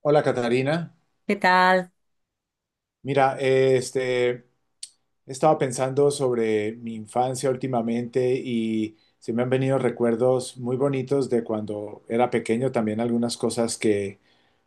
Hola, Catarina. ¿Qué tal? Mira, estaba pensando sobre mi infancia últimamente y se me han venido recuerdos muy bonitos de cuando era pequeño, también algunas cosas que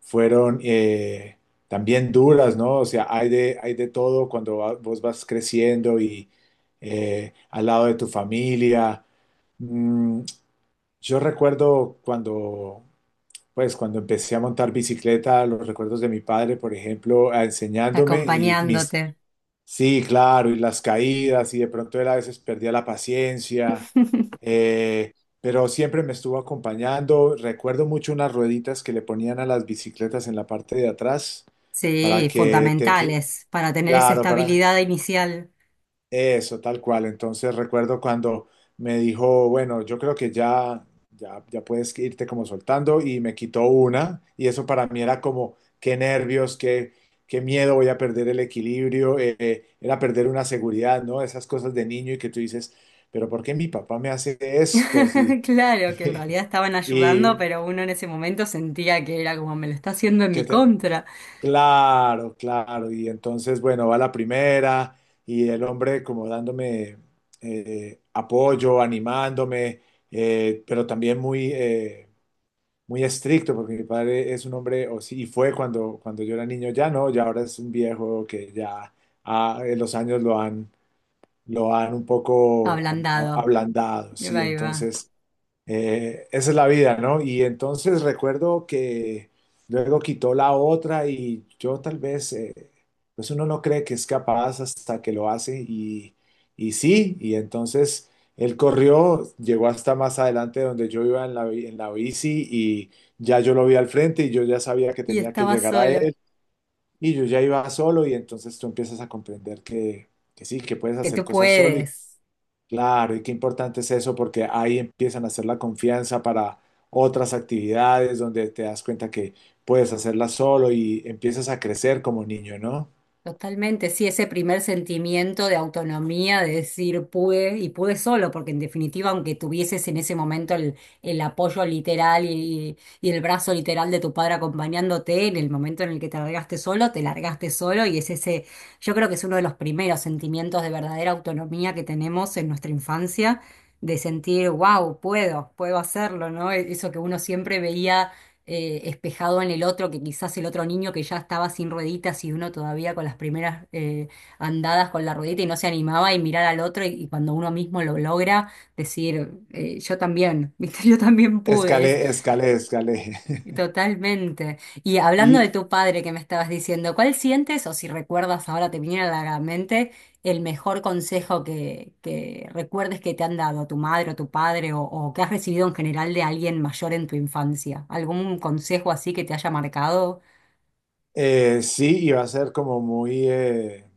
fueron también duras, ¿no? O sea, hay de todo cuando vos vas creciendo y al lado de tu familia. Mm, yo recuerdo cuando Pues cuando empecé a montar bicicleta, los recuerdos de mi padre, por ejemplo, enseñándome Acompañándote. sí, claro, y las caídas, y de pronto él a veces perdía la paciencia, eh, pero siempre me estuvo acompañando. Recuerdo mucho unas rueditas que le ponían a las bicicletas en la parte de atrás para Sí, que te, qui- fundamentales para tener esa Claro, estabilidad inicial. eso, tal cual. Entonces recuerdo cuando me dijo, bueno, yo creo que ya puedes irte como soltando y me quitó una y eso para mí era como, qué nervios, qué miedo, voy a perder el equilibrio, era perder una seguridad, ¿no? Esas cosas de niño y que tú dices, pero ¿por qué mi papá me hace esto? Claro, que en realidad estaban ayudando, Y, pero uno en ese momento sentía que era como me lo está haciendo en que mi te- contra. Claro, claro. Y entonces, bueno, va la primera y el hombre como dándome apoyo, animándome, pero también muy, muy estricto, porque mi padre es un hombre, o sí, y fue cuando, yo era niño, ya no, ya ahora es un viejo que ya los años lo han un poco Ablandado. ablandado, sí. Ahí va. Entonces, esa es la vida, ¿no? Y entonces recuerdo que luego quitó la otra y yo tal vez, pues uno no cree que es capaz hasta que lo hace y sí, y entonces él corrió, llegó hasta más adelante donde yo iba en la bici y ya yo lo vi al frente y yo ya sabía que Y tenía que estaba llegar a solo. él y yo ya iba solo y entonces tú empiezas a comprender que sí, que puedes Que hacer tú cosas solo. puedes. Claro, y qué importante es eso porque ahí empiezan a hacer la confianza para otras actividades donde te das cuenta que puedes hacerlas solo y empiezas a crecer como niño, ¿no? Totalmente, sí, ese primer sentimiento de autonomía, de decir pude y pude solo, porque en definitiva, aunque tuvieses en ese momento el apoyo literal y el brazo literal de tu padre acompañándote, en el momento en el que te largaste solo y es ese, yo creo que es uno de los primeros sentimientos de verdadera autonomía que tenemos en nuestra infancia, de sentir, wow, puedo, puedo hacerlo, ¿no? Eso que uno siempre veía espejado en el otro, que quizás el otro niño que ya estaba sin rueditas y uno todavía con las primeras andadas con la ruedita y no se animaba y mirar al otro y cuando uno mismo lo logra, decir, yo también, ¿viste? Yo también pude. Escalé, escalé, escalé. Totalmente. Y hablando de Y tu padre que me estabas diciendo, ¿cuál sientes o si recuerdas ahora te viniera a la mente el mejor consejo que recuerdes que te han dado tu madre o tu padre o que has recibido en general de alguien mayor en tu infancia? ¿Algún consejo así que te haya marcado? Sí, y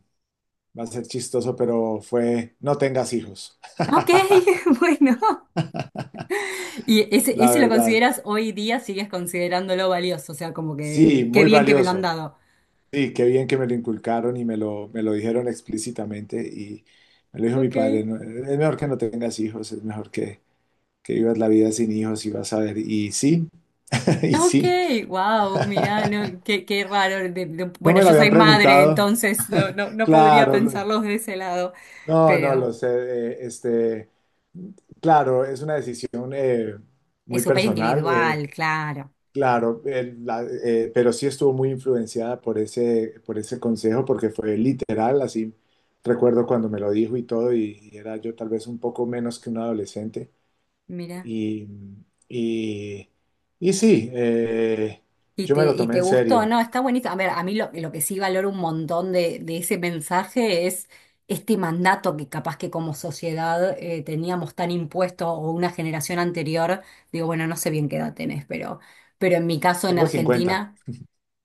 va a ser chistoso, pero fue, no tengas hijos, Ok, bueno. ¿Y ese, la ese lo verdad. consideras hoy día, sigues considerándolo valioso? O sea, como Sí, que qué muy bien que me lo han valioso. dado. Sí, qué bien que me lo inculcaron y me lo dijeron explícitamente y me lo dijo mi Ok. padre, "No, es mejor que no tengas hijos, es mejor que vivas la vida sin hijos y vas a ver. Y sí, y Ok, sí, wow, mirá, no, qué, qué raro. No Bueno, me lo yo soy habían madre, preguntado, entonces no, no, no podría claro, pensarlos de ese lado, no, no pero lo sé, claro, es una decisión es muy súper personal, individual, claro. claro, pero sí estuvo muy influenciada por ese consejo, porque fue literal, así recuerdo cuando me lo dijo y todo, y era yo tal vez un poco menos que un adolescente. Mira. Y, y, y sí, yo me lo Y tomé te en gustó, serio. ¿no? Está bonito. A ver, a mí lo que sí valoro un montón de ese mensaje es este mandato que capaz que como sociedad teníamos tan impuesto o una generación anterior. Digo, bueno, no sé bien qué edad tenés, pero en mi caso en Tengo 50. Argentina.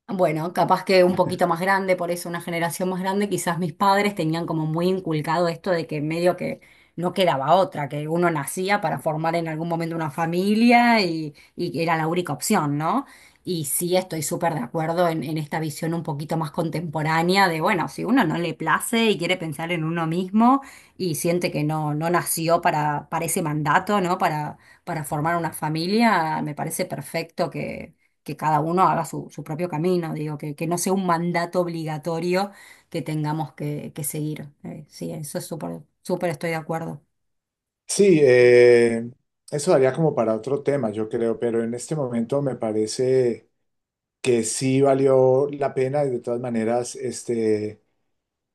Bueno, capaz que un poquito más grande, por eso una generación más grande, quizás mis padres tenían como muy inculcado esto de que medio que no quedaba otra, que uno nacía para formar en algún momento una familia y que era la única opción, ¿no? Y sí estoy súper de acuerdo en esta visión un poquito más contemporánea de, bueno, si uno no le place y quiere pensar en uno mismo y siente que no, no nació para ese mandato, ¿no? Para formar una familia, me parece perfecto que cada uno haga su, su propio camino, digo, que no sea un mandato obligatorio que tengamos que seguir. Sí, eso es súper, súper estoy de acuerdo. Sí, eso daría como para otro tema, yo creo, pero en este momento me parece que sí valió la pena y de todas maneras, este...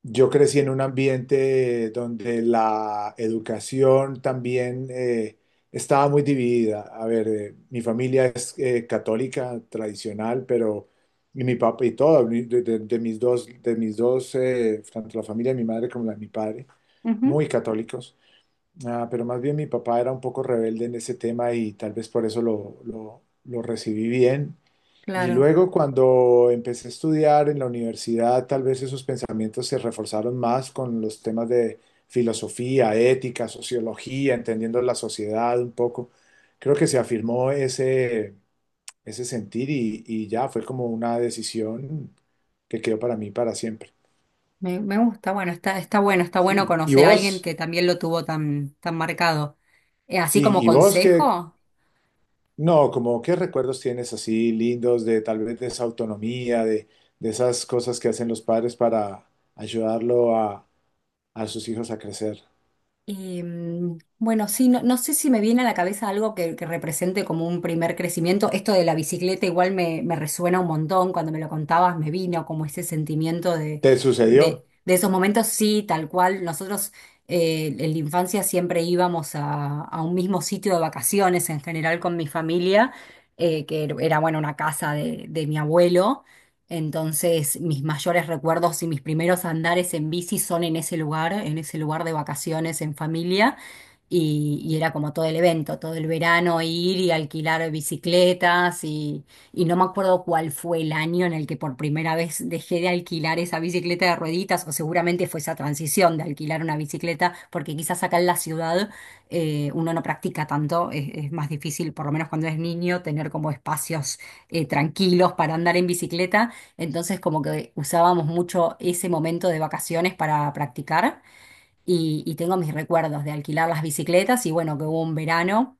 Yo crecí en un ambiente donde la educación también estaba muy dividida. A ver, mi familia es católica tradicional, pero y mi papá y todo, de mis dos, tanto la familia de mi madre como la de mi padre, Ujú, muy católicos. Ah, pero más bien mi papá era un poco rebelde en ese tema y tal vez por eso lo recibí bien. Y claro, luego cuando empecé a estudiar en la universidad, tal vez esos pensamientos se reforzaron más con los temas de filosofía, ética, sociología, entendiendo la sociedad un poco. Creo que se afirmó ese sentir y ya fue como una decisión que quedó para mí para siempre. me gusta, bueno, está, está bueno Sí. ¿Y conocer a alguien vos? que también lo tuvo tan, tan marcado. Así Sí, como ¿y vos qué, consejo. No, como qué recuerdos tienes así lindos de tal vez de esa autonomía, de esas cosas que hacen los padres para ayudarlo a sus hijos a crecer. Bueno, sí, no, no sé si me viene a la cabeza algo que represente como un primer crecimiento. Esto de la bicicleta igual me, me resuena un montón. Cuando me lo contabas me vino como ese sentimiento ¿Te sucedió? De esos momentos, sí, tal cual. Nosotros en la infancia siempre íbamos a un mismo sitio de vacaciones en general con mi familia, que era, bueno, una casa de mi abuelo. Entonces, mis mayores recuerdos y mis primeros andares en bici son en ese lugar de vacaciones en familia. Y era como todo el evento, todo el verano ir y alquilar bicicletas y no me acuerdo cuál fue el año en el que por primera vez dejé de alquilar esa bicicleta de rueditas o seguramente fue esa transición de alquilar una bicicleta porque quizás acá en la ciudad uno no practica tanto, es más difícil, por lo menos cuando es niño, tener como espacios tranquilos para andar en bicicleta. Entonces como que usábamos mucho ese momento de vacaciones para practicar y tengo mis recuerdos de alquilar las bicicletas y bueno, que hubo un verano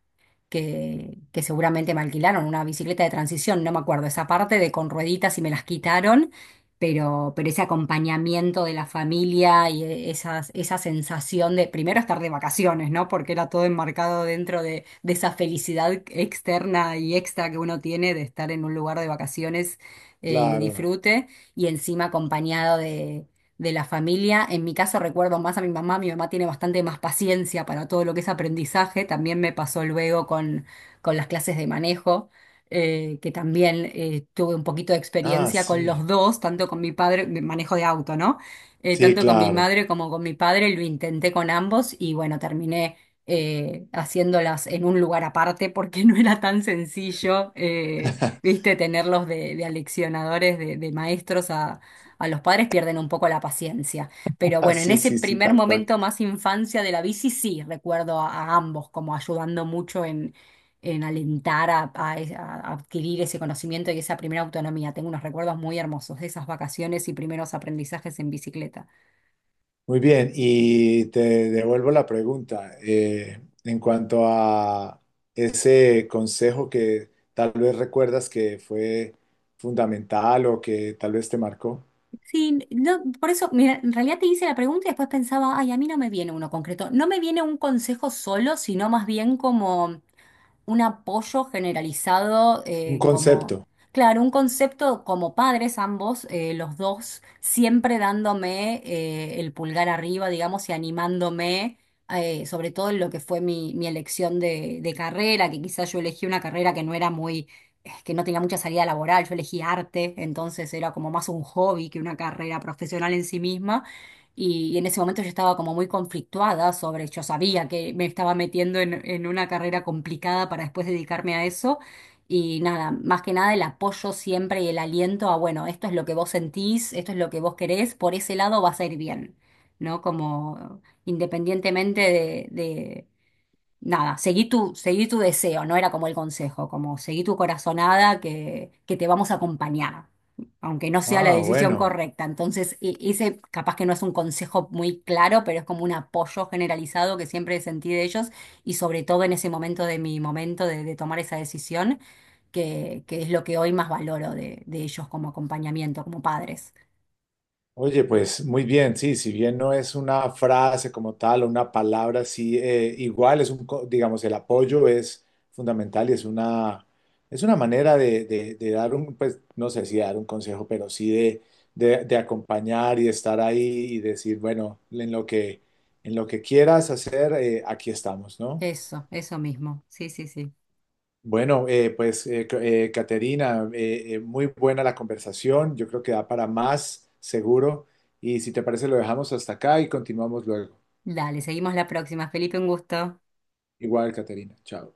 que seguramente me alquilaron una bicicleta de transición, no me acuerdo esa parte de con rueditas y me las quitaron, pero ese acompañamiento de la familia y esas, esa sensación de primero estar de vacaciones, ¿no? Porque era todo enmarcado dentro de esa felicidad externa y extra que uno tiene de estar en un lugar de vacaciones y de Claro. disfrute y encima acompañado de la familia. En mi caso recuerdo más a mi mamá tiene bastante más paciencia para todo lo que es aprendizaje, también me pasó luego con las clases de manejo, que también tuve un poquito de Ah, experiencia con sí. los dos, tanto con mi padre, de manejo de auto, ¿no? Sí, Tanto con mi claro. madre como con mi padre, lo intenté con ambos y bueno, terminé... haciéndolas en un lugar aparte porque no era tan sencillo, viste, tenerlos de aleccionadores, de maestros, a los padres pierden un poco la paciencia. Pero Ah, bueno, en sí, ese sí, sí, primer tal cual. momento más infancia de la bici, sí, recuerdo a ambos como ayudando mucho en alentar a, a adquirir ese conocimiento y esa primera autonomía. Tengo unos recuerdos muy hermosos de esas vacaciones y primeros aprendizajes en bicicleta. Muy bien, y te devuelvo la pregunta en cuanto a ese consejo que tal vez recuerdas que fue fundamental o que tal vez te marcó. Sí, no, por eso, mira, en realidad te hice la pregunta y después pensaba, ay, a mí no me viene uno concreto. No me viene un consejo solo, sino más bien como... un apoyo generalizado Un como, concepto. claro, un concepto como padres ambos, los dos, siempre dándome el pulgar arriba, digamos, y animándome, sobre todo en lo que fue mi, mi elección de carrera, que quizás yo elegí una carrera que no era muy, que no tenía mucha salida laboral, yo elegí arte, entonces era como más un hobby que una carrera profesional en sí misma. Y en ese momento yo estaba como muy conflictuada sobre, yo sabía que me estaba metiendo en una carrera complicada para después dedicarme a eso. Y nada, más que nada el apoyo siempre y el aliento a, bueno, esto es lo que vos sentís, esto es lo que vos querés, por ese lado vas a ir bien, ¿no? Como independientemente de nada, seguí tu deseo, no era como el consejo, como seguí tu corazonada que te vamos a acompañar, aunque no sea la Ah, decisión bueno. correcta. Entonces, ese capaz que no es un consejo muy claro, pero es como un apoyo generalizado que siempre sentí de ellos y sobre todo en ese momento de mi momento de tomar esa decisión, que es lo que hoy más valoro de ellos como acompañamiento, como padres. Oye, pues muy bien, sí, si bien no es una frase como tal o una palabra, sí, igual digamos, el apoyo es fundamental y es una manera de de dar pues, no sé si dar un consejo, pero sí de, de acompañar y estar ahí y decir, bueno, en lo que quieras hacer, aquí estamos, ¿no? Eso mismo. Sí, sí, sí. Bueno, pues Caterina, muy buena la conversación, yo creo que da para más, seguro, y si te parece lo dejamos hasta acá y continuamos luego. Dale, seguimos la próxima. Felipe, un gusto. Igual, Caterina, chao.